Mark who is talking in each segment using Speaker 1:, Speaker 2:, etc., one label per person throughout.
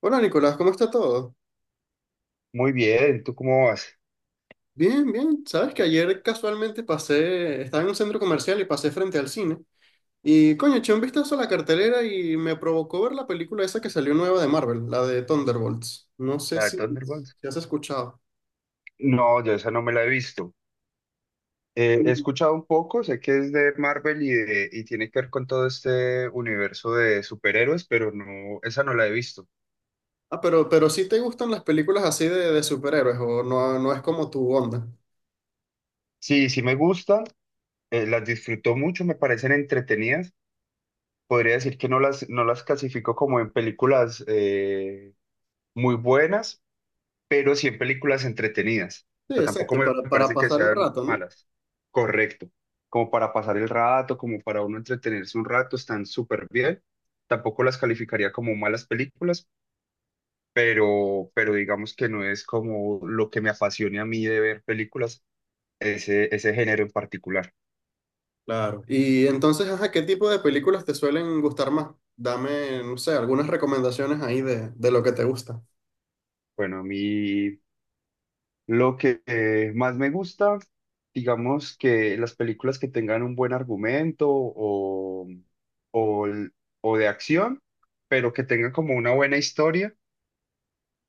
Speaker 1: Hola Nicolás, ¿cómo está todo?
Speaker 2: Muy bien, ¿tú cómo vas?
Speaker 1: Bien, bien. Sabes que ayer casualmente pasé, estaba en un centro comercial y pasé frente al cine. Y coño, eché un vistazo a la cartelera y me provocó ver la película esa que salió nueva de Marvel, la de Thunderbolts. No sé
Speaker 2: La de
Speaker 1: si,
Speaker 2: Thunderbolts.
Speaker 1: si has escuchado.
Speaker 2: No, yo esa no me la he visto. He escuchado un poco, sé que es de Marvel y, y tiene que ver con todo este universo de superhéroes, pero no, esa no la he visto.
Speaker 1: Ah, pero sí te gustan las películas así de superhéroes o no es como tu onda.
Speaker 2: Sí, sí me gustan, las disfruto mucho, me parecen entretenidas. Podría decir que no las clasifico como en películas muy buenas, pero sí en películas entretenidas. O
Speaker 1: Sí,
Speaker 2: sea, tampoco
Speaker 1: exacto,
Speaker 2: me
Speaker 1: para
Speaker 2: parecen que
Speaker 1: pasar el
Speaker 2: sean
Speaker 1: rato, ¿no?
Speaker 2: malas. Correcto. Como para pasar el rato, como para uno entretenerse un rato, están súper bien. Tampoco las calificaría como malas películas, pero digamos que no es como lo que me apasione a mí de ver películas, ese género en particular.
Speaker 1: Claro. Y entonces, ajá, ¿qué tipo de películas te suelen gustar más? Dame, no sé, algunas recomendaciones ahí de lo que te gusta.
Speaker 2: Bueno, a mí lo que más me gusta, digamos que las películas que tengan un buen argumento o, el- o de acción, pero que tengan como una buena historia,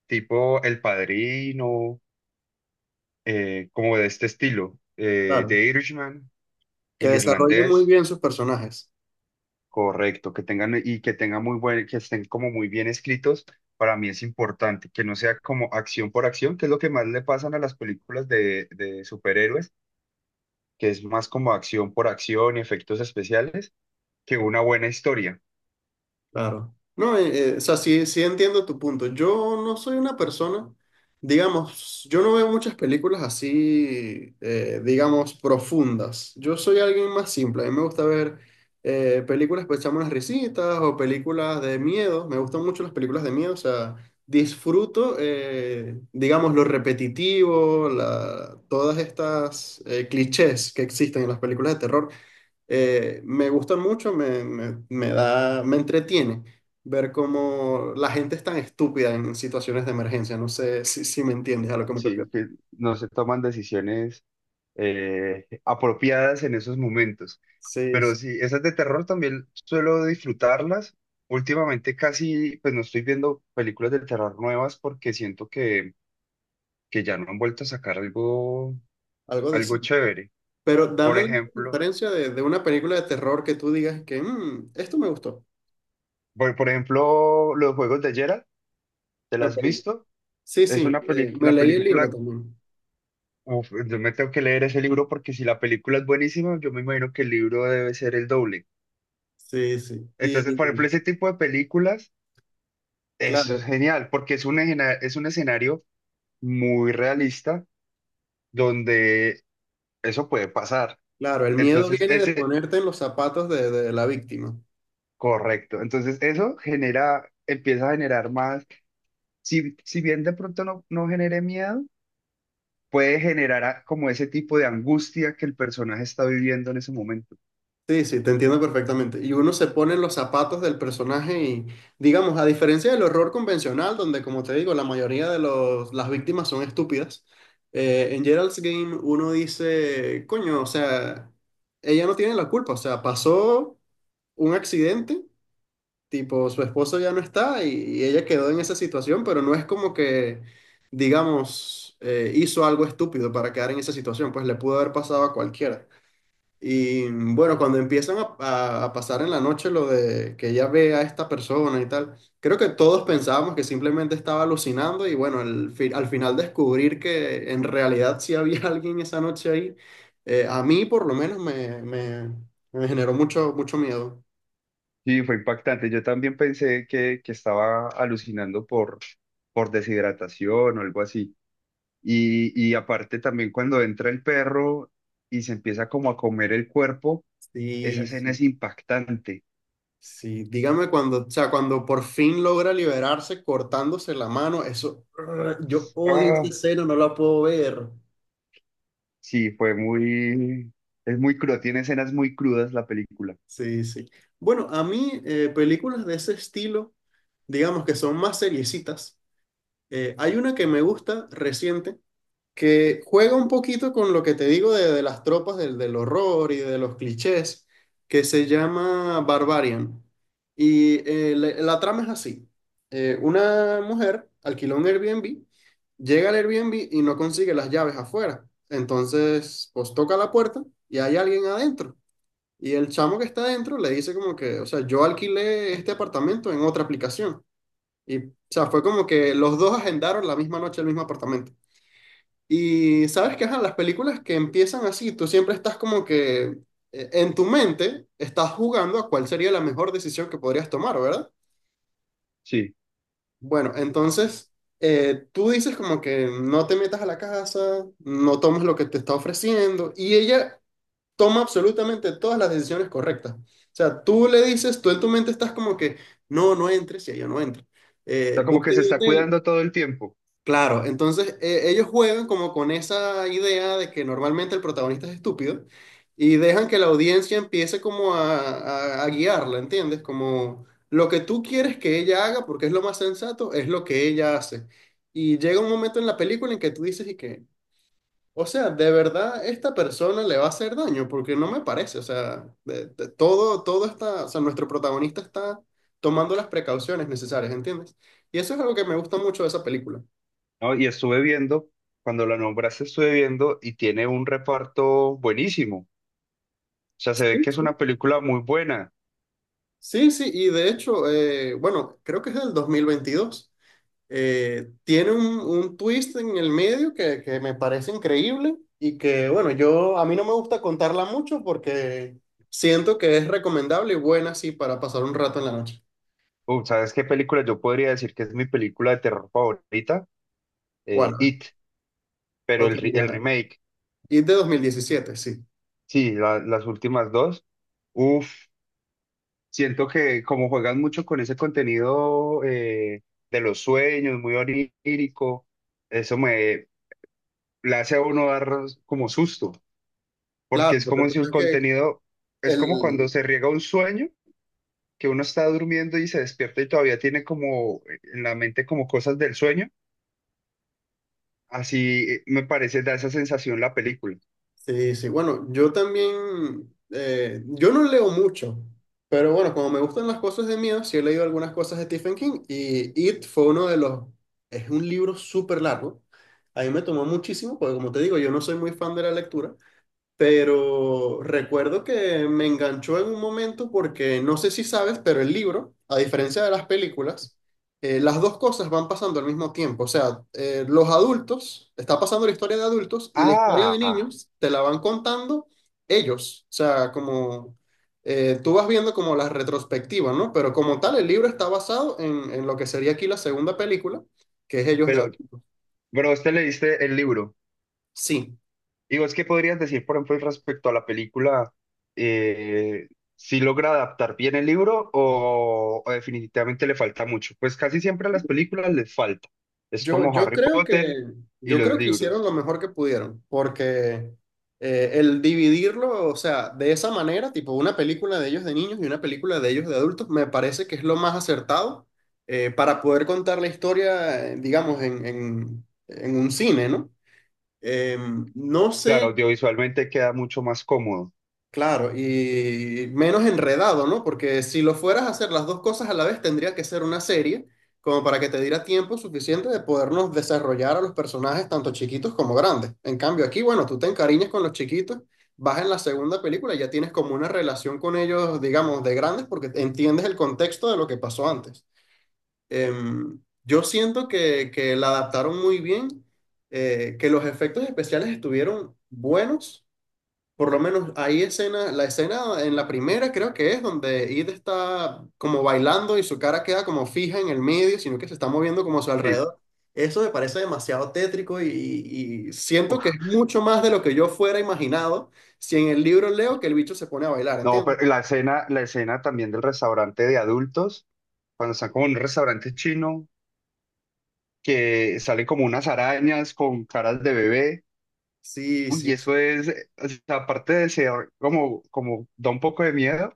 Speaker 2: tipo El Padrino, como de este estilo,
Speaker 1: Claro,
Speaker 2: The Irishman,
Speaker 1: que
Speaker 2: El
Speaker 1: desarrollen muy
Speaker 2: Irlandés,
Speaker 1: bien sus personajes.
Speaker 2: correcto, que tengan muy buen, que estén como muy bien escritos, para mí es importante, que no sea como acción por acción, que es lo que más le pasan a las películas de superhéroes, que es más como acción por acción y efectos especiales que una buena historia.
Speaker 1: Claro. No, o sea, sí, sí entiendo tu punto. Yo no soy una persona, digamos, yo no veo muchas películas así, digamos, profundas. Yo soy alguien más simple. A mí me gusta ver películas para echarme unas risitas o películas de miedo. Me gustan mucho las películas de miedo. O sea, disfruto, digamos, lo repetitivo, todas estas clichés que existen en las películas de terror. Me gusta mucho, me entretiene ver cómo la gente es tan estúpida en situaciones de emergencia. No sé si, me entiendes a lo que me refiero.
Speaker 2: Sí, que no se toman decisiones apropiadas en esos momentos.
Speaker 1: Sí,
Speaker 2: Pero
Speaker 1: sí,
Speaker 2: sí, esas de terror también suelo disfrutarlas. Últimamente casi, pues no estoy viendo películas de terror nuevas porque siento que ya no han vuelto a sacar algo,
Speaker 1: algo de
Speaker 2: algo
Speaker 1: sí.
Speaker 2: chévere.
Speaker 1: Pero
Speaker 2: Por
Speaker 1: dame la
Speaker 2: ejemplo,
Speaker 1: diferencia de una película de terror que tú digas que "Mm, esto me gustó".
Speaker 2: por ejemplo, los juegos de Geralt, ¿te las
Speaker 1: Ok.
Speaker 2: has visto?
Speaker 1: Sí,
Speaker 2: Es
Speaker 1: sí,
Speaker 2: una peli-
Speaker 1: me
Speaker 2: la
Speaker 1: leí el libro
Speaker 2: película,
Speaker 1: también.
Speaker 2: uf, yo me tengo que leer ese libro porque si la película es buenísima, yo me imagino que el libro debe ser el doble.
Speaker 1: Sí, sí.
Speaker 2: Entonces, por
Speaker 1: Y
Speaker 2: ejemplo, ese tipo de películas, eso es
Speaker 1: claro,
Speaker 2: genial, porque es es un escenario muy realista donde eso puede pasar.
Speaker 1: claro, el miedo
Speaker 2: Entonces,
Speaker 1: viene de
Speaker 2: ese,
Speaker 1: ponerte en los zapatos de la víctima.
Speaker 2: correcto. Entonces, eso genera, empieza a generar más, si bien de pronto no genere miedo, puede generar como ese tipo de angustia que el personaje está viviendo en ese momento.
Speaker 1: Sí, sí, te entiendo perfectamente. Y uno se pone en los zapatos del personaje y, digamos, a diferencia del horror convencional, donde, como te digo, la mayoría de las víctimas son estúpidas, en Gerald's Game uno dice, coño, o sea, ella no tiene la culpa, o sea, pasó un accidente, tipo, su esposo ya no está y ella quedó en esa situación, pero no es como que, digamos, hizo algo estúpido para quedar en esa situación, pues le pudo haber pasado a cualquiera. Y bueno, cuando empiezan a pasar en la noche lo de que ella ve a esta persona y tal, creo que todos pensábamos que simplemente estaba alucinando y bueno, al final descubrir que en realidad sí había alguien esa noche ahí, a mí por lo menos me generó mucho, mucho miedo.
Speaker 2: Sí, fue impactante. Yo también pensé que estaba alucinando por deshidratación o algo así. Y aparte también cuando entra el perro y se empieza como a comer el cuerpo, esa
Speaker 1: Sí,
Speaker 2: escena
Speaker 1: sí,
Speaker 2: es impactante.
Speaker 1: sí, dígame cuando, o sea, cuando por fin logra liberarse cortándose la mano, eso, yo odio esa
Speaker 2: Ah,
Speaker 1: escena, no la puedo ver.
Speaker 2: sí, fue muy, es muy cruda, tiene escenas muy crudas la película.
Speaker 1: Sí, sí. Bueno, a mí películas de ese estilo, digamos que son más seriecitas. Hay una que me gusta reciente, que juega un poquito con lo que te digo de las tropas del horror y de los clichés, que se llama Barbarian. Y la, la trama es así. Una mujer alquiló un Airbnb, llega al Airbnb y no consigue las llaves afuera. Entonces, pues toca la puerta y hay alguien adentro. Y el chamo que está adentro le dice como que, o sea, yo alquilé este apartamento en otra aplicación. Y, o sea, fue como que los dos agendaron la misma noche el mismo apartamento. Y sabes que, ajá, las películas que empiezan así, tú siempre estás como que en tu mente estás jugando a cuál sería la mejor decisión que podrías tomar, ¿verdad?
Speaker 2: Sí,
Speaker 1: Bueno, entonces tú dices como que no te metas a la casa, no tomes lo que te está ofreciendo. Y ella toma absolutamente todas las decisiones correctas. O sea, tú le dices, tú en tu mente estás como que, no, no entres y ella no entra.
Speaker 2: o sea, como
Speaker 1: Busca
Speaker 2: que se
Speaker 1: un
Speaker 2: está
Speaker 1: hotel.
Speaker 2: cuidando todo el tiempo,
Speaker 1: Claro, entonces ellos juegan como con esa idea de que normalmente el protagonista es estúpido y dejan que la audiencia empiece como a guiarla, ¿entiendes? Como lo que tú quieres que ella haga, porque es lo más sensato, es lo que ella hace. Y llega un momento en la película en que tú dices y que, o sea, de verdad esta persona le va a hacer daño, porque no me parece, o sea, todo, está, o sea, nuestro protagonista está tomando las precauciones necesarias, ¿entiendes? Y eso es algo que me gusta mucho de esa película.
Speaker 2: ¿no? Y estuve viendo, cuando la nombraste estuve viendo y tiene un reparto buenísimo. O sea, se ve
Speaker 1: Sí,
Speaker 2: que es
Speaker 1: sí.
Speaker 2: una película muy buena.
Speaker 1: Sí, sí, y de hecho, bueno, creo que es del 2022. Tiene un twist en el medio que me parece increíble y que, bueno, yo a mí no me gusta contarla mucho porque siento que es recomendable y buena, sí, para pasar un rato en la noche.
Speaker 2: Uf, ¿sabes qué película? Yo podría decir que es mi película de terror favorita,
Speaker 1: ¿Cuál?
Speaker 2: It, pero
Speaker 1: Ok,
Speaker 2: el remake,
Speaker 1: y de 2017 sí.
Speaker 2: sí, las últimas dos. Uf, siento que como juegan mucho con ese contenido de los sueños, muy onírico, eso me le hace a uno dar como susto, porque
Speaker 1: Claro,
Speaker 2: es
Speaker 1: porque
Speaker 2: como
Speaker 1: tú
Speaker 2: si el
Speaker 1: ves que
Speaker 2: contenido, es como cuando
Speaker 1: el...
Speaker 2: se riega un sueño, que uno está durmiendo y se despierta y todavía tiene como en la mente como cosas del sueño. Así me parece, da esa sensación la película.
Speaker 1: Sí, sí. Bueno, yo también... yo no leo mucho, pero bueno, como me gustan las cosas de miedo, sí he leído algunas cosas de Stephen King y It fue uno de los... Es un libro súper largo. A mí me tomó muchísimo, porque como te digo, yo no soy muy fan de la lectura, pero recuerdo que me enganchó en un momento porque no sé si sabes, pero el libro, a diferencia de las películas, las dos cosas van pasando al mismo tiempo. O sea, los adultos, está pasando la historia de adultos y la historia de
Speaker 2: Ah,
Speaker 1: niños te la van contando ellos. O sea, como tú vas viendo como las retrospectivas, ¿no? Pero como tal, el libro está basado en lo que sería aquí la segunda película, que es ellos de
Speaker 2: pero,
Speaker 1: adultos.
Speaker 2: pero usted leíste el libro.
Speaker 1: Sí.
Speaker 2: Digo, es que podrías decir, por ejemplo, respecto a la película, eh, si logra adaptar bien el libro o definitivamente le falta mucho. Pues casi siempre a las películas les falta. Es
Speaker 1: Yo,
Speaker 2: como
Speaker 1: yo
Speaker 2: Harry
Speaker 1: creo
Speaker 2: Potter
Speaker 1: que,
Speaker 2: y
Speaker 1: yo
Speaker 2: los
Speaker 1: creo que hicieron lo
Speaker 2: libros.
Speaker 1: mejor que pudieron, porque el dividirlo, o sea, de esa manera, tipo una película de ellos de niños y una película de ellos de adultos, me parece que es lo más acertado para poder contar la historia, digamos, en un cine, ¿no? Eh, no
Speaker 2: Claro,
Speaker 1: sé.
Speaker 2: audiovisualmente queda mucho más cómodo.
Speaker 1: Claro, y menos enredado, ¿no? Porque si lo fueras a hacer las dos cosas a la vez, tendría que ser una serie, como para que te diera tiempo suficiente de podernos desarrollar a los personajes, tanto chiquitos como grandes. En cambio, aquí, bueno, tú te encariñas con los chiquitos, vas en la segunda película y ya tienes como una relación con ellos, digamos, de grandes, porque entiendes el contexto de lo que pasó antes. Yo siento que la adaptaron muy bien, que los efectos especiales estuvieron buenos por lo menos hay escena, la escena en la primera creo que es donde Id está como bailando y su cara queda como fija en el medio, sino que se está moviendo como a su
Speaker 2: Sí.
Speaker 1: alrededor. Eso me parece demasiado tétrico y siento
Speaker 2: Uf,
Speaker 1: que es mucho más de lo que yo fuera imaginado si en el libro leo que el bicho se pone a bailar,
Speaker 2: no,
Speaker 1: ¿entiendes?
Speaker 2: pero la escena también del restaurante de adultos, cuando están como en un restaurante chino que salen como unas arañas con caras de bebé.
Speaker 1: Sí,
Speaker 2: Uy,
Speaker 1: sí.
Speaker 2: eso es, o sea, aparte de ser como, como da un poco de miedo,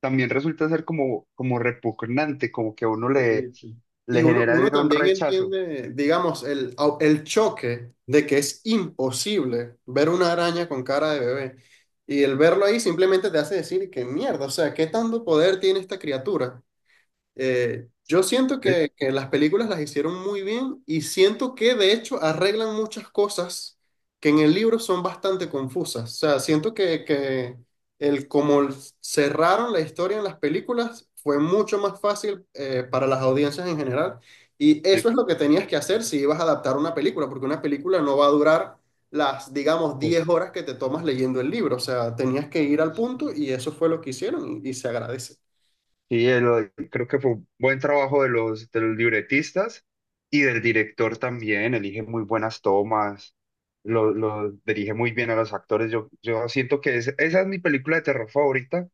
Speaker 2: también resulta ser como, como repugnante, como que a uno
Speaker 1: Sí,
Speaker 2: le,
Speaker 1: sí. Y
Speaker 2: le
Speaker 1: uno,
Speaker 2: genera de
Speaker 1: uno
Speaker 2: una un
Speaker 1: también
Speaker 2: rechazo.
Speaker 1: entiende, digamos, el choque de que es imposible ver una araña con cara de bebé. Y el verlo ahí simplemente te hace decir que mierda, o sea, ¿qué tanto poder tiene esta criatura? Yo siento
Speaker 2: Eh,
Speaker 1: que las películas las hicieron muy bien y siento que de hecho arreglan muchas cosas que en el libro son bastante confusas. O sea, siento que el cómo cerraron la historia en las películas fue mucho más fácil para las audiencias en general. Y eso
Speaker 2: sí,
Speaker 1: es lo que tenías que hacer si ibas a adaptar una película, porque una película no va a durar las, digamos, 10
Speaker 2: pues,
Speaker 1: horas que te tomas leyendo el libro. O sea, tenías que ir al punto y eso fue lo que hicieron y se agradece.
Speaker 2: sí, creo que fue un buen trabajo de los libretistas y del director también, elige muy buenas tomas. Lo dirige muy bien a los actores. Yo siento que esa es mi película de terror favorita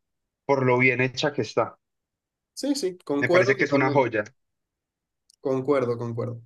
Speaker 2: por lo bien hecha que está.
Speaker 1: Sí, sí,
Speaker 2: Me
Speaker 1: concuerdo
Speaker 2: parece que es una
Speaker 1: totalmente.
Speaker 2: joya.
Speaker 1: Concuerdo, concuerdo.